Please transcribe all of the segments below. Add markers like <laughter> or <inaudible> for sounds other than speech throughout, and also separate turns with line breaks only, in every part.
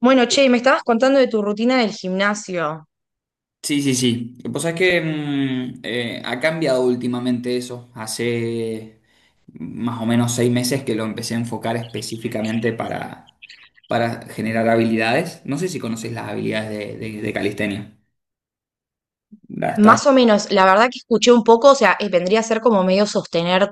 Bueno, che, me estabas contando de tu rutina del gimnasio.
Sí, sí, sí. Pues es que ha cambiado últimamente eso. Hace más o menos 6 meses que lo empecé a enfocar específicamente para generar habilidades. No sé si conoces las habilidades de calistenia. Las estás
Más o menos, la verdad que escuché un poco, o sea, vendría a ser como medio sostener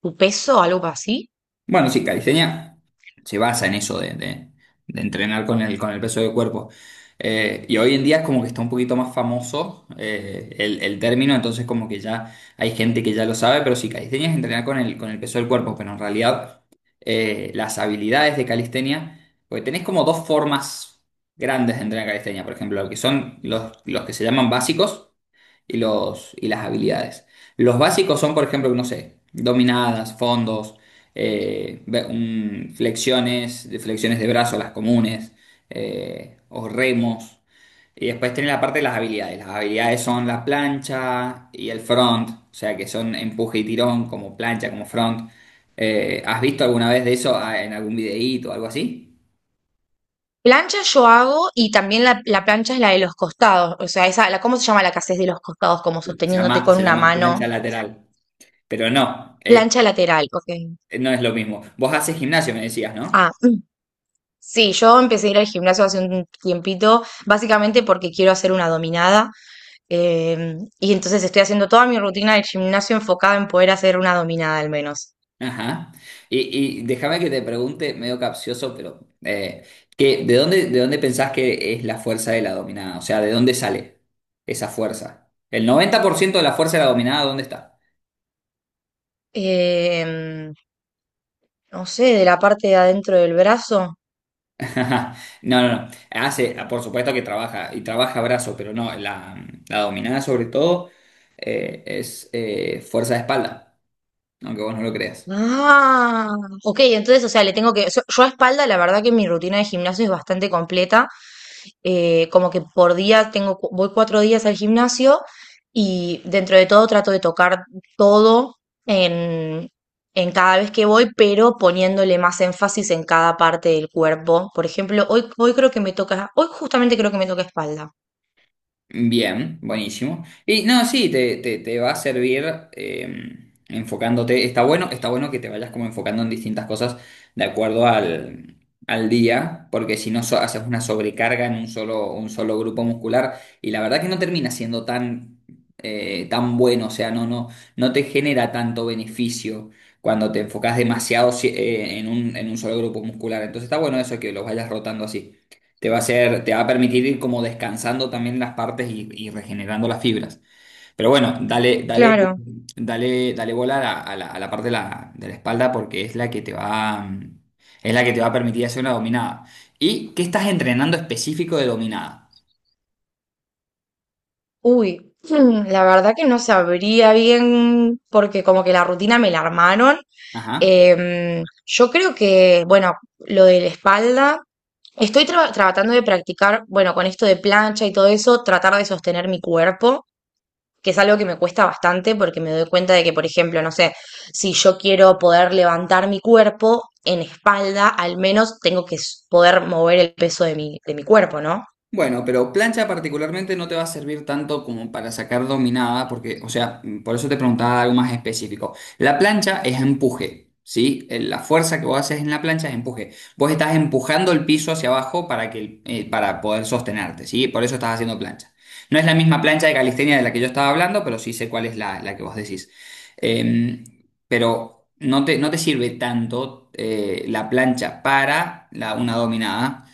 tu peso, algo así.
Bueno, sí, calistenia se basa en eso de entrenar con el peso del cuerpo. Y hoy en día es como que está un poquito más famoso, el término, entonces como que ya hay gente que ya lo sabe, pero sí, calistenia es entrenar con el peso del cuerpo, pero en realidad las habilidades de calistenia, porque tenés como dos formas grandes de entrenar calistenia, por ejemplo, lo que son los que se llaman básicos y las habilidades. Los básicos son, por ejemplo, no sé, dominadas, fondos, flexiones de brazo, las comunes, o remos. Y después tiene la parte de las habilidades. Las habilidades son la plancha y el front, o sea que son empuje y tirón, como plancha, como front. ¿Has visto alguna vez de eso en algún videíto o algo así?
Plancha yo hago y también la plancha es la de los costados, o sea, esa, la, ¿cómo se llama la que haces de los costados? Como
Se
sosteniéndote
llama,
con
se
una
llama plancha
mano.
lateral. Pero no,
Plancha lateral, ok.
no es lo mismo. Vos haces gimnasio, me decías, ¿no?
Ah, mm, sí, yo empecé a ir al gimnasio hace un tiempito, básicamente porque quiero hacer una dominada. Y entonces estoy haciendo toda mi rutina del gimnasio enfocada en poder hacer una dominada al menos.
Ajá. Y déjame que te pregunte, medio capcioso, pero ¿de dónde pensás que es la fuerza de la dominada? O sea, ¿de dónde sale esa fuerza? El 90% de la fuerza de la dominada, ¿dónde está?
Em, no sé, de la parte de adentro del brazo.
<laughs> No, no, no. Por supuesto que trabaja, y trabaja brazo, pero no, la dominada sobre todo es fuerza de espalda, aunque vos no lo creas.
Ah, ok, entonces, o sea, le tengo que... Yo a espalda, la verdad que mi rutina de gimnasio es bastante completa. Como que por día tengo, voy 4 días al gimnasio y dentro de todo trato de tocar todo en, en cada vez que voy, pero poniéndole más énfasis en cada parte del cuerpo. Por ejemplo, hoy, hoy creo que me toca, hoy justamente creo que me toca espalda.
Bien, buenísimo. Y no, sí, te va a servir eh, enfocándote. Está bueno que te vayas como enfocando en distintas cosas de acuerdo al día, porque si no haces una sobrecarga en un solo grupo muscular y la verdad que no termina siendo tan bueno, o sea, no, no, no te genera tanto beneficio cuando te enfocas demasiado en un solo grupo muscular. Entonces está bueno eso que los vayas rotando así. Te va a permitir ir como descansando también las partes y regenerando las fibras. Pero bueno, dale, dale,
Claro.
dale, dale bola a la parte de la espalda porque es la que es la que te va a permitir hacer una dominada. ¿Y qué estás entrenando específico de dominada?
Uy, hmm, la verdad que no sabría bien porque como que la rutina me la armaron.
Ajá.
Yo creo que, bueno, lo de la espalda, estoy tratando de practicar, bueno, con esto de plancha y todo eso, tratar de sostener mi cuerpo, que es algo que me cuesta bastante porque me doy cuenta de que, por ejemplo, no sé, si yo quiero poder levantar mi cuerpo en espalda, al menos tengo que poder mover el peso de mi cuerpo, ¿no?
Bueno, pero plancha particularmente no te va a servir tanto como para sacar dominada, porque, o sea, por eso te preguntaba algo más específico. La plancha es empuje, ¿sí? La fuerza que vos haces en la plancha es empuje. Vos estás empujando el piso hacia abajo para poder sostenerte, ¿sí? Por eso estás haciendo plancha. No es la misma plancha de calistenia de la que yo estaba hablando, pero sí sé cuál es la que vos decís. Em, pero no te sirve tanto la plancha para una dominada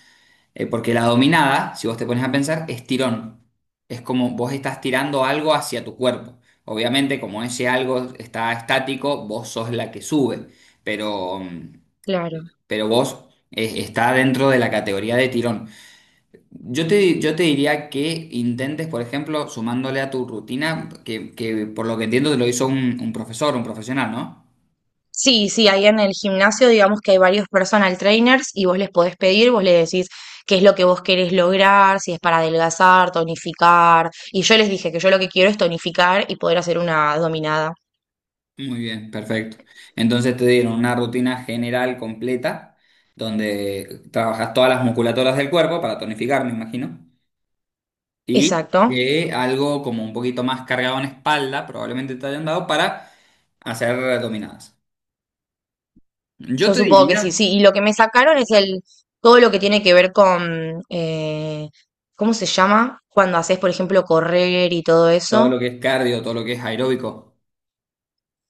porque la dominada, si vos te pones a pensar, es tirón. Es como vos estás tirando algo hacia tu cuerpo. Obviamente, como ese algo está estático, vos sos la que sube. Pero, mm,
Claro.
pero vos está dentro de la categoría de tirón. Yo te diría que intentes, por ejemplo, sumándole a tu rutina, que por lo que entiendo te lo hizo un profesor, un profesional, ¿no?
Sí, sí, ahí en el gimnasio digamos que hay varios personal trainers y vos les podés pedir, vos le decís qué es lo que vos querés lograr, si es para adelgazar, tonificar. Y yo les dije que yo lo que quiero es tonificar y poder hacer una dominada.
Muy bien, perfecto. Entonces te dieron una rutina general completa donde trabajas todas las musculaturas del cuerpo para tonificar, me imagino, y
Exacto.
que algo como un poquito más cargado en espalda, probablemente te hayan dado para hacer dominadas. Yo
Yo
te
supongo que sí,
diría
sí. Y lo que me sacaron es el todo lo que tiene que ver con ¿cómo se llama? Cuando haces, por ejemplo, correr y todo
todo
eso.
lo que es cardio, todo lo que es aeróbico.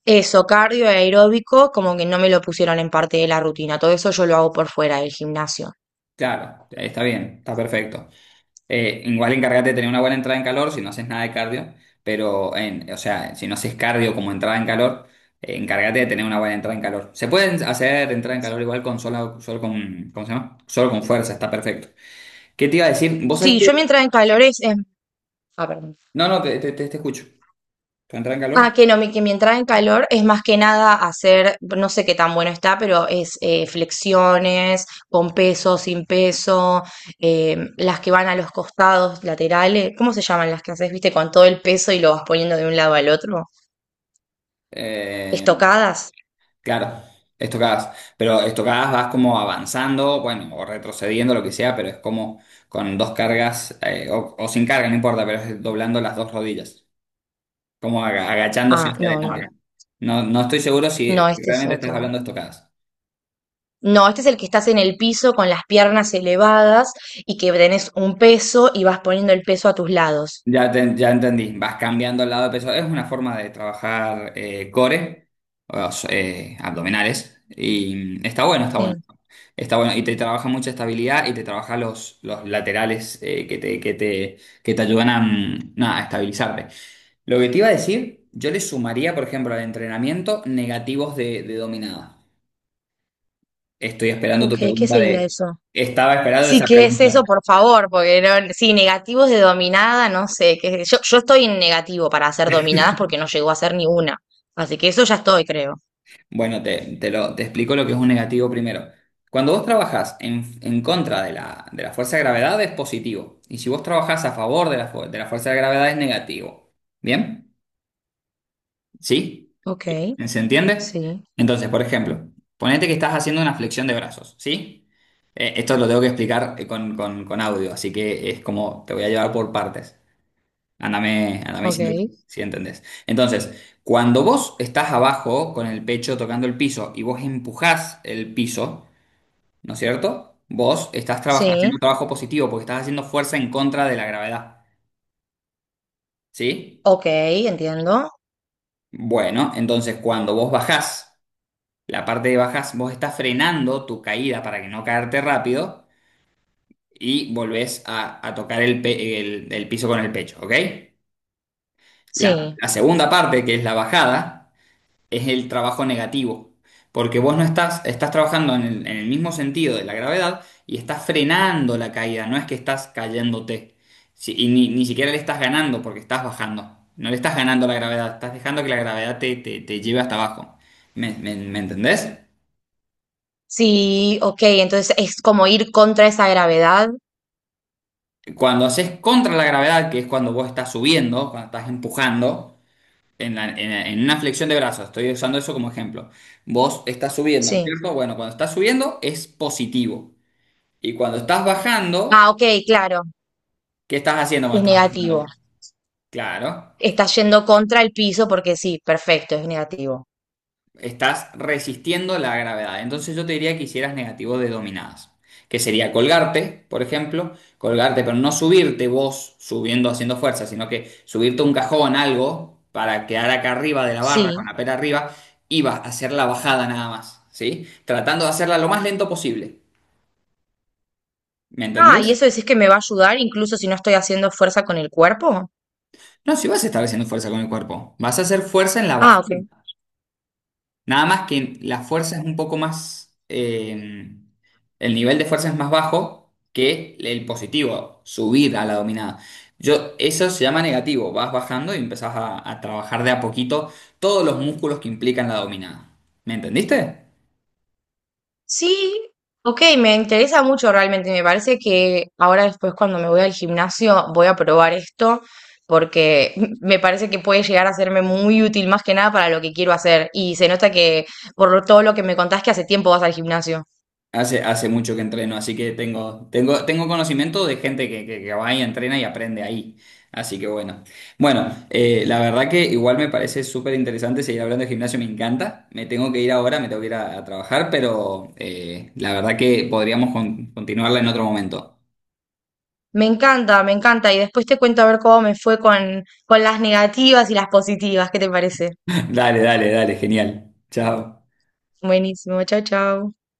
Eso, cardio y aeróbico, como que no me lo pusieron en parte de la rutina. Todo eso yo lo hago por fuera del gimnasio.
Claro, está bien, está perfecto. Igual encárgate de tener una buena entrada en calor si no haces nada de cardio, pero, o sea, si no haces cardio como entrada en calor, encárgate de tener una buena entrada en calor. Se pueden hacer entrada en calor igual con solo, solo con, ¿cómo se llama? Solo con fuerza, está perfecto. ¿Qué te iba a decir? ¿Vos sabés
Sí, yo mi
que...
entrada en calor Ah, perdón.
No, no, te escucho. ¿Tu entrada en
Ah,
calor?
que no, mi, que mi entrada en calor es más que nada hacer, no sé qué tan bueno está, pero es flexiones con peso, sin peso, las que van a los costados laterales, ¿cómo se llaman las que haces, viste, con todo el peso y lo vas poniendo de un lado al otro?
Eh,
¿Estocadas?
claro, estocadas. Pero estocadas vas como avanzando, bueno, o retrocediendo, lo que sea, pero es como con dos cargas, o sin carga, no importa, pero es doblando las dos rodillas. Como agachándose
Ah,
hacia adelante. No, no estoy seguro si,
no,
si
este es
realmente estás
otro.
hablando de estocadas.
No, este es el que estás en el piso con las piernas elevadas y que tenés un peso y vas poniendo el peso a tus lados.
Ya, ya entendí, vas cambiando el lado de peso. Es una forma de trabajar core, o abdominales, y está bueno, está bueno.
Sí.
Está bueno, y te trabaja mucha estabilidad y te trabaja los laterales que te ayudan nada, a estabilizarte. Lo que te iba a decir, yo le sumaría, por ejemplo, al entrenamiento negativos de dominada. Estoy esperando tu
Ok, ¿qué
pregunta
sería
de...
eso?
Estaba esperando
Sí,
esa
¿qué es
pregunta.
eso, por favor? Porque sí, negativos de dominada, no sé, qué sé yo, yo estoy en negativo para hacer dominadas porque no llegó a ser ni una. Así que eso ya estoy, creo.
Bueno, te explico lo que es un negativo primero. Cuando vos trabajás en contra de la fuerza de gravedad es positivo. Y si vos trabajás a favor de la fuerza de gravedad es negativo. ¿Bien? ¿Sí?
Ok,
¿Se entiende?
sí,
Entonces, por ejemplo, ponete que estás haciendo una flexión de brazos, ¿sí? Esto lo tengo que explicar con audio, así que es como te voy a llevar por partes. Ándame
ok,
diciendo si entendés. Entonces, cuando vos estás abajo con el pecho tocando el piso y vos empujás el piso, ¿no es cierto? Vos estás
sí,
haciendo trabajo positivo porque estás haciendo fuerza en contra de la gravedad, ¿sí?
ok, entiendo.
Bueno, entonces cuando vos bajás, la parte de bajás, vos estás frenando tu caída para que no caerte rápido y volvés a tocar el piso con el pecho, ¿ok? La,
Sí,
la segunda parte, que es la bajada, es el trabajo negativo. Porque vos no estás, estás trabajando en el mismo sentido de la gravedad y estás frenando la caída, no es que estás cayéndote. Y ni siquiera le estás ganando porque estás bajando. No le estás ganando a la gravedad, estás dejando que la gravedad te lleve hasta abajo. ¿Me entendés?
sí, ok, entonces es como ir contra esa gravedad.
Cuando haces contra la gravedad, que es cuando vos estás subiendo, cuando estás empujando, en una flexión de brazos, estoy usando eso como ejemplo. Vos estás subiendo, ¿no es
Sí.
cierto? Bueno, cuando estás subiendo es positivo. Y cuando estás bajando,
Ah, ok, claro,
¿qué estás haciendo
es
cuando estás
negativo.
bajando? Claro,
Está yendo contra el piso porque sí, perfecto, es negativo.
estás resistiendo la gravedad. Entonces yo te diría que hicieras negativos de dominadas, que sería colgarte, por ejemplo, colgarte, pero no subirte vos subiendo haciendo fuerza, sino que subirte a un cajón, algo, para quedar acá arriba de la barra, con
Sí.
la pera arriba, y vas a hacer la bajada nada más, ¿sí? Tratando de hacerla lo más lento posible. ¿Me
Ah, ¿y
entendés?
eso decís que me va a ayudar incluso si no estoy haciendo fuerza con el cuerpo?
No, si vas a estar haciendo fuerza con el cuerpo, vas a hacer fuerza en la
Ah,
bajada.
ok.
Nada más que la fuerza es un poco más, el nivel de fuerza es más bajo que el positivo, subir a la dominada. Eso se llama negativo, vas bajando y empezás a trabajar de a poquito todos los músculos que implican la dominada. ¿Me entendiste?
Sí, ok, me interesa mucho realmente. Me parece que ahora después cuando me voy al gimnasio voy a probar esto porque <laughs> me parece que puede llegar a serme muy útil más que nada para lo que quiero hacer. Y se nota que todo lo que me contás que hace tiempo vas al gimnasio.
Hace mucho que entreno, así que tengo conocimiento de gente que va y entrena y aprende ahí. Así que bueno. Bueno, la verdad que igual me parece súper interesante seguir hablando de gimnasio, me encanta. Me tengo que ir ahora, me tengo que ir a trabajar, pero la verdad que podríamos continuarla en otro momento.
Me encanta, me encanta. Y después te cuento a ver cómo me fue con las negativas y las positivas. ¿Qué te parece?
<laughs> Dale, dale, dale, genial. Chao.
Buenísimo, chao, chao.